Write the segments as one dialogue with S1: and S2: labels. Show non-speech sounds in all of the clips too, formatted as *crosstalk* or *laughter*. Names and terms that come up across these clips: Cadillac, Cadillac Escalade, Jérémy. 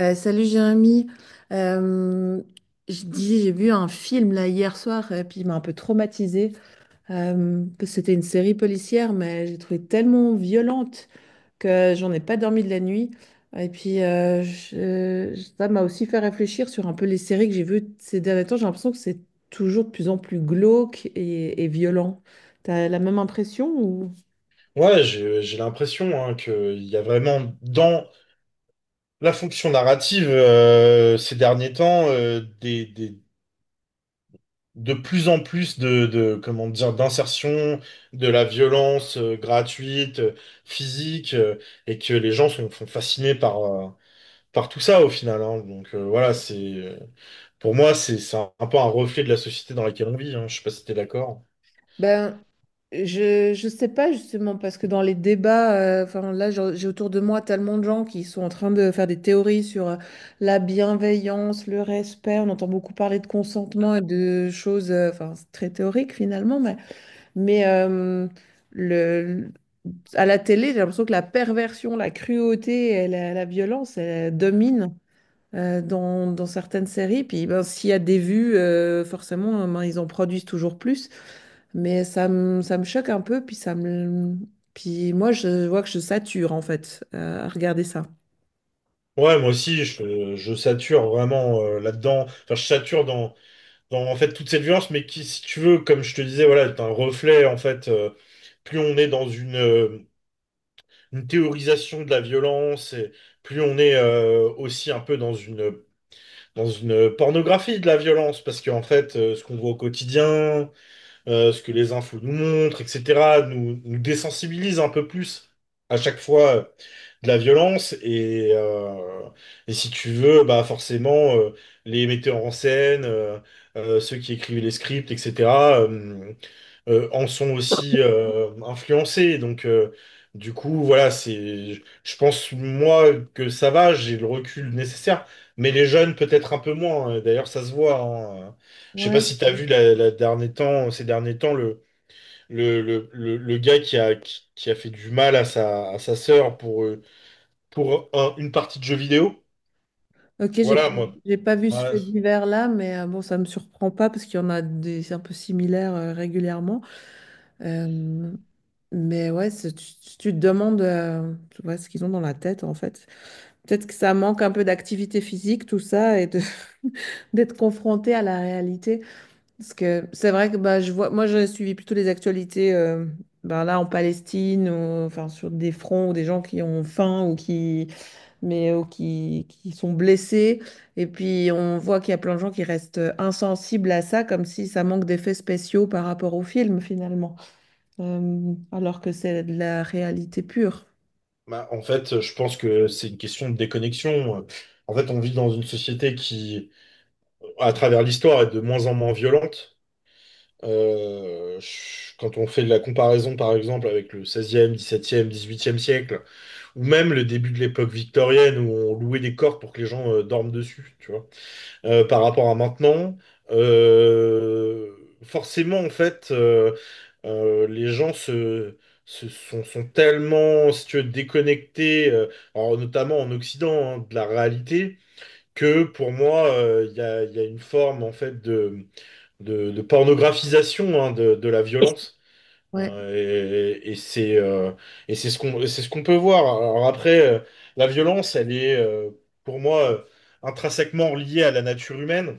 S1: Salut Jérémy, Euh, je dis j'ai vu un film là hier soir et puis il m'a un peu traumatisée. Parce que c'était une série policière mais j'ai trouvé tellement violente que j'en ai pas dormi de la nuit. Et puis ça m'a aussi fait réfléchir sur un peu les séries que j'ai vues ces derniers temps. J'ai l'impression que c'est toujours de plus en plus glauque et violent. T'as la même impression ou...
S2: Ouais, j'ai l'impression, hein, qu'il y a vraiment dans la fonction narrative ces derniers temps de plus en plus de comment dire d'insertion de la violence gratuite, physique, et que les gens sont fascinés par tout ça au final, hein. Donc voilà, c'est pour moi, c'est un peu un reflet de la société dans laquelle on vit, hein. Je sais pas si t'es d'accord.
S1: Ben, je sais pas justement parce que dans les débats, enfin là j'ai autour de moi tellement de gens qui sont en train de faire des théories sur la bienveillance, le respect. On entend beaucoup parler de consentement et de choses, enfin c'est très théorique finalement, mais le à la télé j'ai l'impression que la perversion, la cruauté et la violence elle domine. Dans, dans certaines séries, puis ben, s'il y a des vues, forcément, ben, ils en produisent toujours plus. Ça me choque un peu, puis ça me... Puis moi, je vois que je sature, en fait, à regarder ça.
S2: Ouais, moi aussi, je sature vraiment là-dedans. Enfin, je sature en fait toute cette violence, mais qui, si tu veux, comme je te disais, voilà, est un reflet en fait. Plus on est une théorisation de la violence, et plus on est aussi un peu dans une pornographie de la violence, parce qu'en fait, ce qu'on voit au quotidien, ce que les infos nous montrent, etc., nous désensibilise un peu plus à chaque fois, de la violence. Et si tu veux, bah forcément, les metteurs en scène, ceux qui écrivent les scripts, etc., en sont aussi influencés. Donc, du coup, voilà, c'est, je pense, moi, que ça va, j'ai le recul nécessaire. Mais les jeunes, peut-être un peu moins, hein. D'ailleurs, ça se voit, hein. Je sais pas
S1: Ouais.
S2: si tu as vu ces derniers temps le gars qui a fait du mal à sa sœur pour une partie de jeu vidéo.
S1: Ok,
S2: Voilà, moi.
S1: j'ai pas vu ce
S2: Ouais.
S1: fait divers-là, mais bon, ça me surprend pas parce qu'il y en a des un peu similaires régulièrement. Euh, mais ouais, c'est- tu te demandes tu vois, ce qu'ils ont dans la tête en fait. Peut-être que ça manque un peu d'activité physique, tout ça, et de- *laughs* d'être confronté à la réalité. Parce que c'est vrai que bah, je vois, moi j'ai suivi plutôt les actualités ben là en Palestine, ou, enfin sur des fronts où des gens qui ont faim ou qui sont blessés. Et puis on voit qu'il y a plein de gens qui restent insensibles à ça, comme si ça manque d'effets spéciaux par rapport au film finalement, alors que c'est de la réalité pure.
S2: Bah, en fait, je pense que c'est une question de déconnexion. En fait, on vit dans une société qui, à travers l'histoire, est de moins en moins violente. Quand on fait de la comparaison, par exemple, avec le 16e, 17e, 18e siècle, ou même le début de l'époque victorienne, où on louait des cordes pour que les gens dorment dessus, tu vois. Par rapport à maintenant, euh, forcément, en fait, les gens sont tellement, si tu veux, déconnectés, alors notamment en Occident, hein, de la réalité, que pour moi, il y a une forme en fait de pornographisation, hein, de la violence,
S1: Ouais.
S2: hein. Et c'est et c'est ce qu'on et c'est ce qu'on peut voir. Alors après, la violence, elle est, pour moi, intrinsèquement liée à la nature humaine.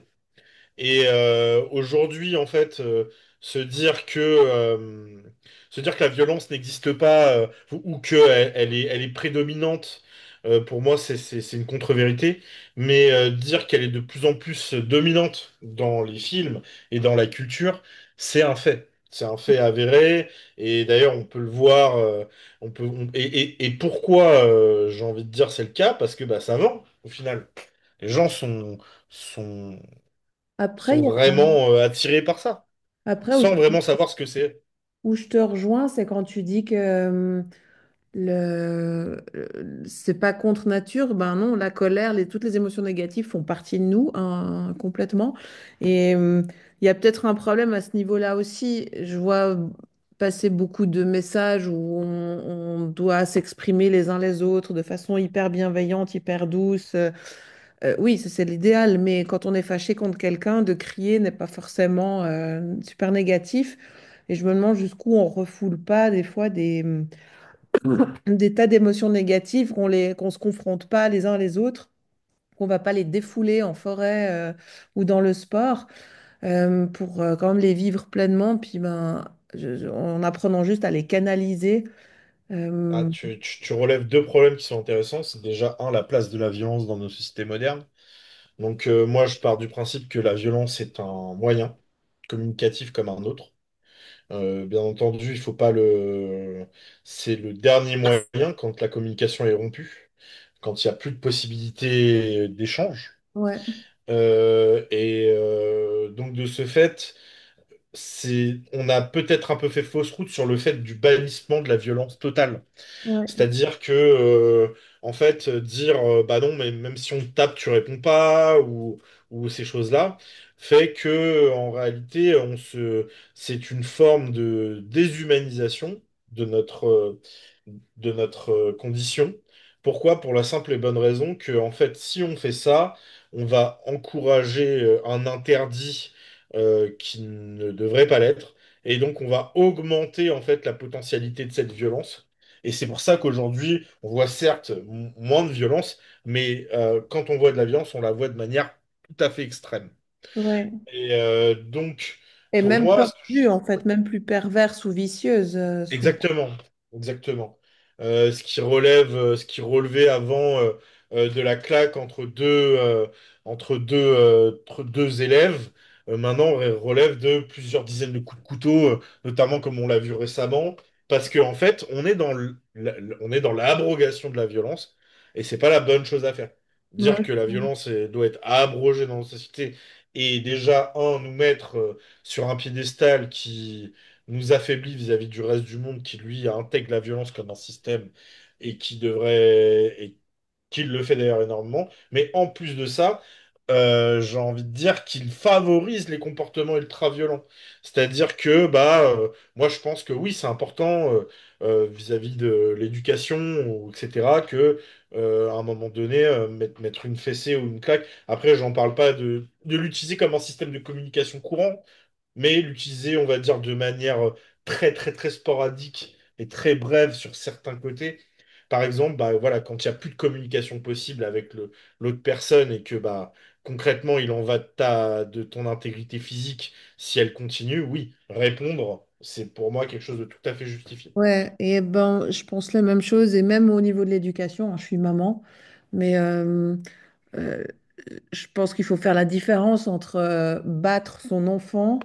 S2: Et aujourd'hui, en fait, se dire que euh, se dire que la violence n'existe pas, ou ou que elle, elle est prédominante, pour moi, c'est une contre-vérité. Mais dire qu'elle est de plus en plus dominante dans les films et dans la culture, c'est un fait. C'est un fait avéré. Et d'ailleurs, on peut le voir. On peut on- et Pourquoi, j'ai envie de dire, c'est le cas? Parce que bah ça vend au final. Les gens sont
S1: Après,
S2: sont
S1: il y a-
S2: vraiment, attirés par ça,
S1: après
S2: sans vraiment savoir ce que c'est.
S1: où je te rejoins, c'est quand tu dis que c'est pas contre nature. Ben non, la colère, toutes les émotions négatives font partie de nous hein, complètement. Et il y a peut-être un problème à ce niveau-là aussi. Je vois passer beaucoup de messages où on doit s'exprimer les uns les autres de façon hyper bienveillante, hyper douce. Oui, ça, c'est l'idéal, mais quand on est fâché contre quelqu'un, de crier n'est pas forcément super négatif. Et je me demande jusqu'où on refoule pas des fois des tas d'émotions négatives, qu'on se confronte pas les uns les autres, qu'on va pas les défouler en forêt ou dans le sport, pour quand même les vivre pleinement, puis ben, en apprenant juste à les canaliser.
S2: Ah,
S1: euh,
S2: tu relèves deux problèmes qui sont intéressants. C'est déjà, un, la place de la violence dans nos sociétés modernes. Donc, moi, je pars du principe que la violence est un moyen communicatif comme un autre. Bien entendu, il faut pas le... C'est le dernier moyen quand la communication est rompue, quand il n'y a plus de possibilités d'échange.
S1: ouais,
S2: Donc, de ce fait, c'est, on a peut-être un peu fait fausse route sur le fait du bannissement de la violence totale.
S1: ouais,
S2: C'est-à-dire que, en fait, dire bah non, mais même si on te tape, tu réponds pas, ou ces choses-là, fait que, en réalité, c'est une forme de déshumanisation de notre, condition. Pourquoi? Pour la simple et bonne raison que, en fait, si on fait ça, on va encourager, un interdit, qui ne devrait pas l'être. Et donc, on va augmenter en fait la potentialité de cette violence. Et c'est pour ça qu'aujourd'hui, on voit certes moins de violence, mais, quand on voit de la violence, on la voit de manière tout à fait extrême.
S1: ouais.
S2: Et donc,
S1: Et
S2: pour
S1: même
S2: moi...
S1: tordues, en fait, même plus perverse ou vicieuse souvent.
S2: Exactement, exactement. Ce ce qui relevait avant, de la claque entre deux élèves, maintenant relève de plusieurs dizaines de coups de couteau, notamment comme on l'a vu récemment, parce qu'en fait, on est dans l'abrogation de la violence, et c'est pas la bonne chose à faire. Dire
S1: Ouais.
S2: que la violence, elle doit être abrogée dans nos sociétés, et déjà, un, nous mettre sur un piédestal nous affaiblit vis-à-vis du reste du monde qui, lui, intègre la violence comme un système, et qui le fait d'ailleurs énormément. Mais en plus de ça, j'ai envie de dire qu'il favorise les comportements ultra-violents. C'est-à-dire que, bah, moi, je pense que oui, c'est important, vis-à-vis de l'éducation, ou etc., que, à un moment donné, mettre une fessée ou une claque. Après, j'en parle pas de l'utiliser comme un système de communication courant, mais l'utiliser, on va dire, de manière, très, très, très sporadique et très brève sur certains côtés. Par exemple, bah, voilà, quand il n'y a plus de communication possible avec l'autre personne, et que bah, concrètement, il en va de, de ton intégrité physique, si elle continue, oui, répondre, c'est pour moi quelque chose de tout à fait justifié.
S1: Ouais, et ben, je pense la même chose, et même au niveau de l'éducation, hein, je suis maman, mais euh, je pense qu'il faut faire la différence entre battre son enfant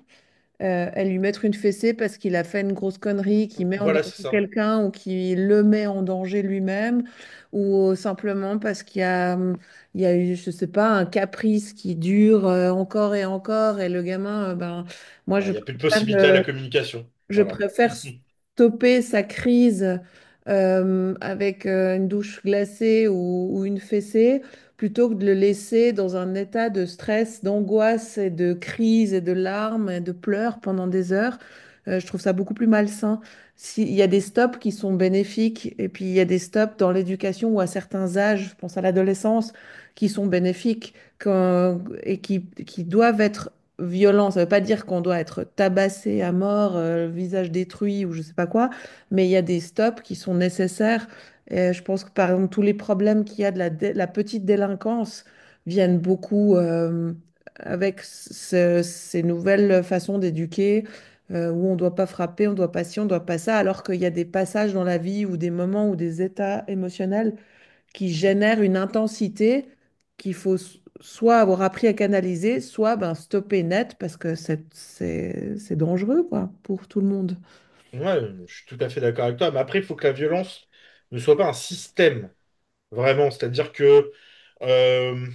S1: et lui mettre une fessée parce qu'il a fait une grosse connerie, qui met en
S2: Voilà, c'est
S1: danger
S2: ça.
S1: quelqu'un ou qui le met en danger lui-même, ou simplement parce qu'il y a, il y a eu, je sais pas, un caprice qui dure encore et encore, et le gamin, ben, moi
S2: Bah,
S1: je
S2: il n'y a plus de
S1: préfère
S2: possibilité à la
S1: le
S2: communication.
S1: je
S2: Voilà.
S1: préfère
S2: *laughs*
S1: stopper sa crise avec une douche glacée ou une fessée plutôt que de le laisser dans un état de stress, d'angoisse et de crise et de larmes et de pleurs pendant des heures. Je trouve ça beaucoup plus malsain. S'il y a des stops qui sont bénéfiques et puis il y a des stops dans l'éducation ou à certains âges, je pense à l'adolescence, qui sont bénéfiques quand- et qui doivent être violent. Ça ne veut pas dire qu'on doit être tabassé à mort, le visage détruit ou je ne sais pas quoi, mais il y a des stops qui sont nécessaires. Et je pense que par exemple, tous les problèmes qu'il y a de la petite délinquance viennent beaucoup avec ce- ces nouvelles façons d'éduquer. Où on ne doit pas frapper, on ne doit pas ci, on ne doit pas ça, alors qu'il y a des passages dans la vie ou des moments ou des états émotionnels qui génère une intensité qu'il faut s- soit avoir appris à canaliser, soit ben, stopper net parce que c'est dangereux quoi, pour tout le monde.
S2: Ouais, je suis tout à fait d'accord avec toi. Mais après, il faut que la violence ne soit pas un système, vraiment. C'est-à-dire que, Euh,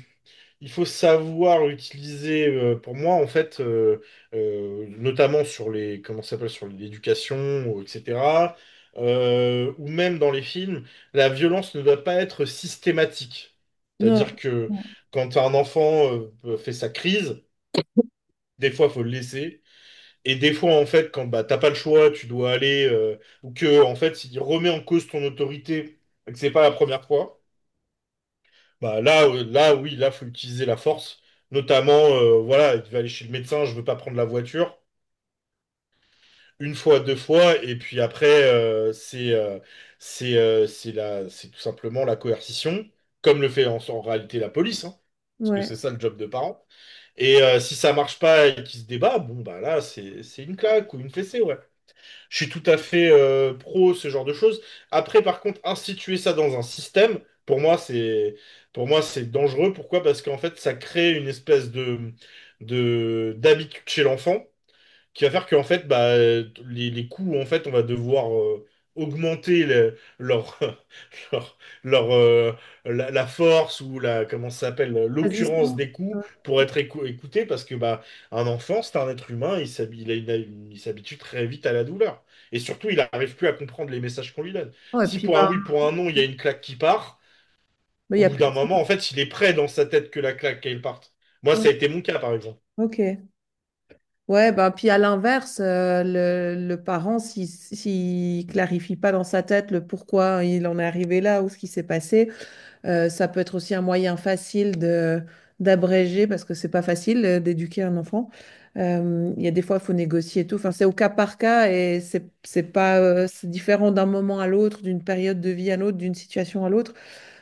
S2: il faut savoir utiliser, pour moi, en fait, notamment comment ça s'appelle, sur l'éducation, etc., ou même dans les films, la violence ne doit pas être systématique. C'est-à-dire
S1: Non,
S2: que quand un enfant fait sa crise, des fois, faut le laisser. Et des fois, en fait, quand bah, t'as pas le choix, tu dois aller, ou que, en fait, il remet en cause ton autorité, et que c'est pas la première fois. Bah là, là, oui, là, faut utiliser la force. Notamment, voilà, il va aller chez le médecin, je veux pas prendre la voiture. Une fois, deux fois, et puis après, c'est tout simplement la coercition, comme le fait en réalité la police, hein, parce que c'est
S1: ouais.
S2: ça le job de parent. Et si ça marche pas et qu'il se débat, bon bah là, c'est une claque ou une fessée, ouais. Je suis tout à fait, pro ce genre de choses. Après, par contre, instituer ça dans un système, pour moi, c'est pour moi, c'est dangereux. Pourquoi? Parce qu'en fait, ça crée une espèce de d'habitude chez l'enfant, qui va faire qu'en fait, bah, les coûts, en fait, on va devoir, augmenter leur, *laughs* leur, leur, euh, la force ou la, comment ça s'appelle, l'occurrence
S1: Résistance.
S2: des
S1: Ouais.
S2: coûts pour être écouté, parce que bah, un enfant, c'est un être humain, il a il a il s'habitue très vite à la douleur. Et surtout, il n'arrive plus à comprendre les messages qu'on lui donne.
S1: Ouais, et
S2: Si
S1: puis
S2: pour un
S1: ben,
S2: oui, pour un non, il y a une claque qui part,
S1: il
S2: au
S1: n'y a
S2: bout
S1: plus
S2: d'un
S1: de ça.
S2: moment, en fait, il est prêt dans sa tête que la claque, elle parte. Moi,
S1: Ouais.
S2: ça a été mon cas, par exemple.
S1: Ok. Ouais, ben, puis à l'inverse, le parent, s'il ne clarifie pas dans sa tête le pourquoi il en est arrivé là ou ce qui s'est passé, ça peut être aussi un moyen facile de d'abréger parce que c'est pas facile d'éduquer un enfant. Il y a des fois, il faut négocier et tout. Enfin, c'est au cas par cas et c'est pas c'est différent d'un moment à l'autre, d'une période de vie à l'autre, d'une situation à l'autre.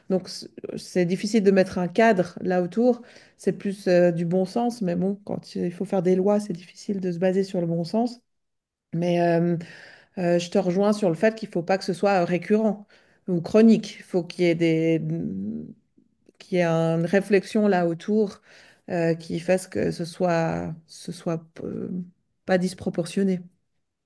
S1: Donc c- c'est difficile de mettre un cadre là autour. C'est plus du bon sens, mais bon, quand il faut faire des lois, c'est difficile de se baser sur le bon sens. Mais je te rejoins sur le fait qu'il faut pas que ce soit récurrent ou chronique. Il faut qu'il y ait des, qu'il y ait une réflexion là autour qui fasse que ce soit, ce soit pas disproportionné.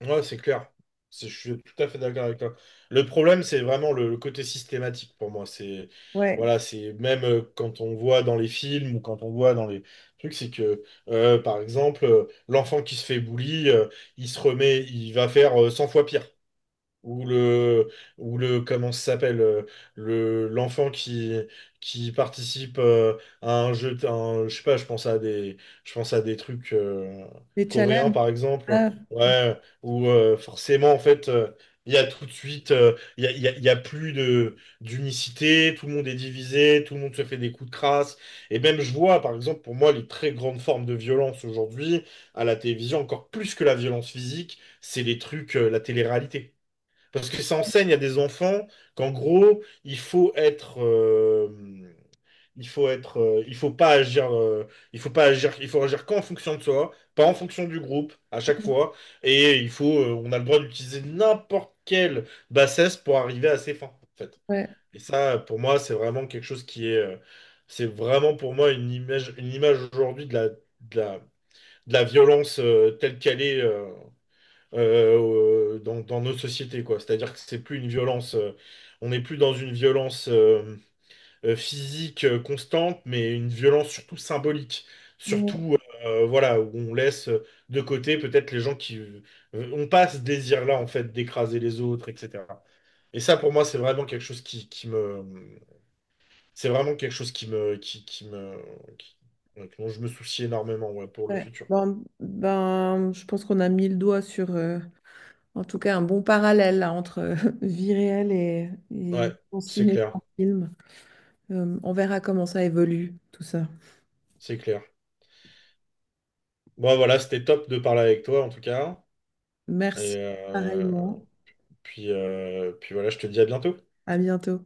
S2: Ouais, c'est clair. Je suis tout à fait d'accord avec toi. Le problème, c'est vraiment le côté systématique pour moi. C'est
S1: Ouais,
S2: voilà, c'est même, quand on voit dans les films ou quand on voit dans les trucs, c'est que, par exemple, l'enfant qui se fait bully, il se remet, il va faire 100 fois pire. Ou le, comment ça s'appelle, l'enfant qui participe, à un jeu, je sais pas, je pense à des trucs,
S1: les
S2: coréens
S1: challenges.
S2: par exemple,
S1: Ah,
S2: ouais, où, forcément en fait, il y a tout de suite, il y a plus d'unicité, tout le monde est divisé, tout le monde se fait des coups de crasse, et même je vois par exemple pour moi les très grandes formes de violence aujourd'hui à la télévision, encore plus que la violence physique, c'est les trucs, la télé-réalité. Parce que ça enseigne à des enfants qu'en gros, il faut être, il faut être, il faut pas agir, il faut pas agir, il faut agir qu'en fonction de soi, pas en fonction du groupe à chaque fois. Et on a le droit d'utiliser n'importe quelle bassesse pour arriver à ses fins, en fait.
S1: ouais,
S2: Et ça, pour moi, c'est vraiment quelque chose qui est, c'est vraiment pour moi une image aujourd'hui de la violence, telle qu'elle est. Dans nos sociétés, quoi. C'est-à-dire que c'est plus une violence, on n'est plus dans une violence, physique, constante, mais une violence surtout symbolique,
S1: ouais,
S2: surtout, voilà, où on laisse, de côté peut-être les gens qui, ont pas ce désir-là en fait d'écraser les autres, etc. Et ça pour moi c'est vraiment quelque chose c'est vraiment quelque chose qui- dont je me soucie énormément, ouais, pour le
S1: ouais.
S2: futur.
S1: Bon, ben, je pense qu'on a mis le doigt sur, en tout cas, un bon parallèle là, entre *laughs* vie réelle et
S2: Ouais,
S1: on
S2: c'est
S1: cinéma
S2: clair,
S1: en film. On verra comment ça évolue, tout ça.
S2: c'est clair. Bon, voilà, c'était top de parler avec toi en tout cas. Et
S1: Merci,
S2: euh,
S1: pareillement.
S2: puis voilà, je te dis à bientôt.
S1: À bientôt.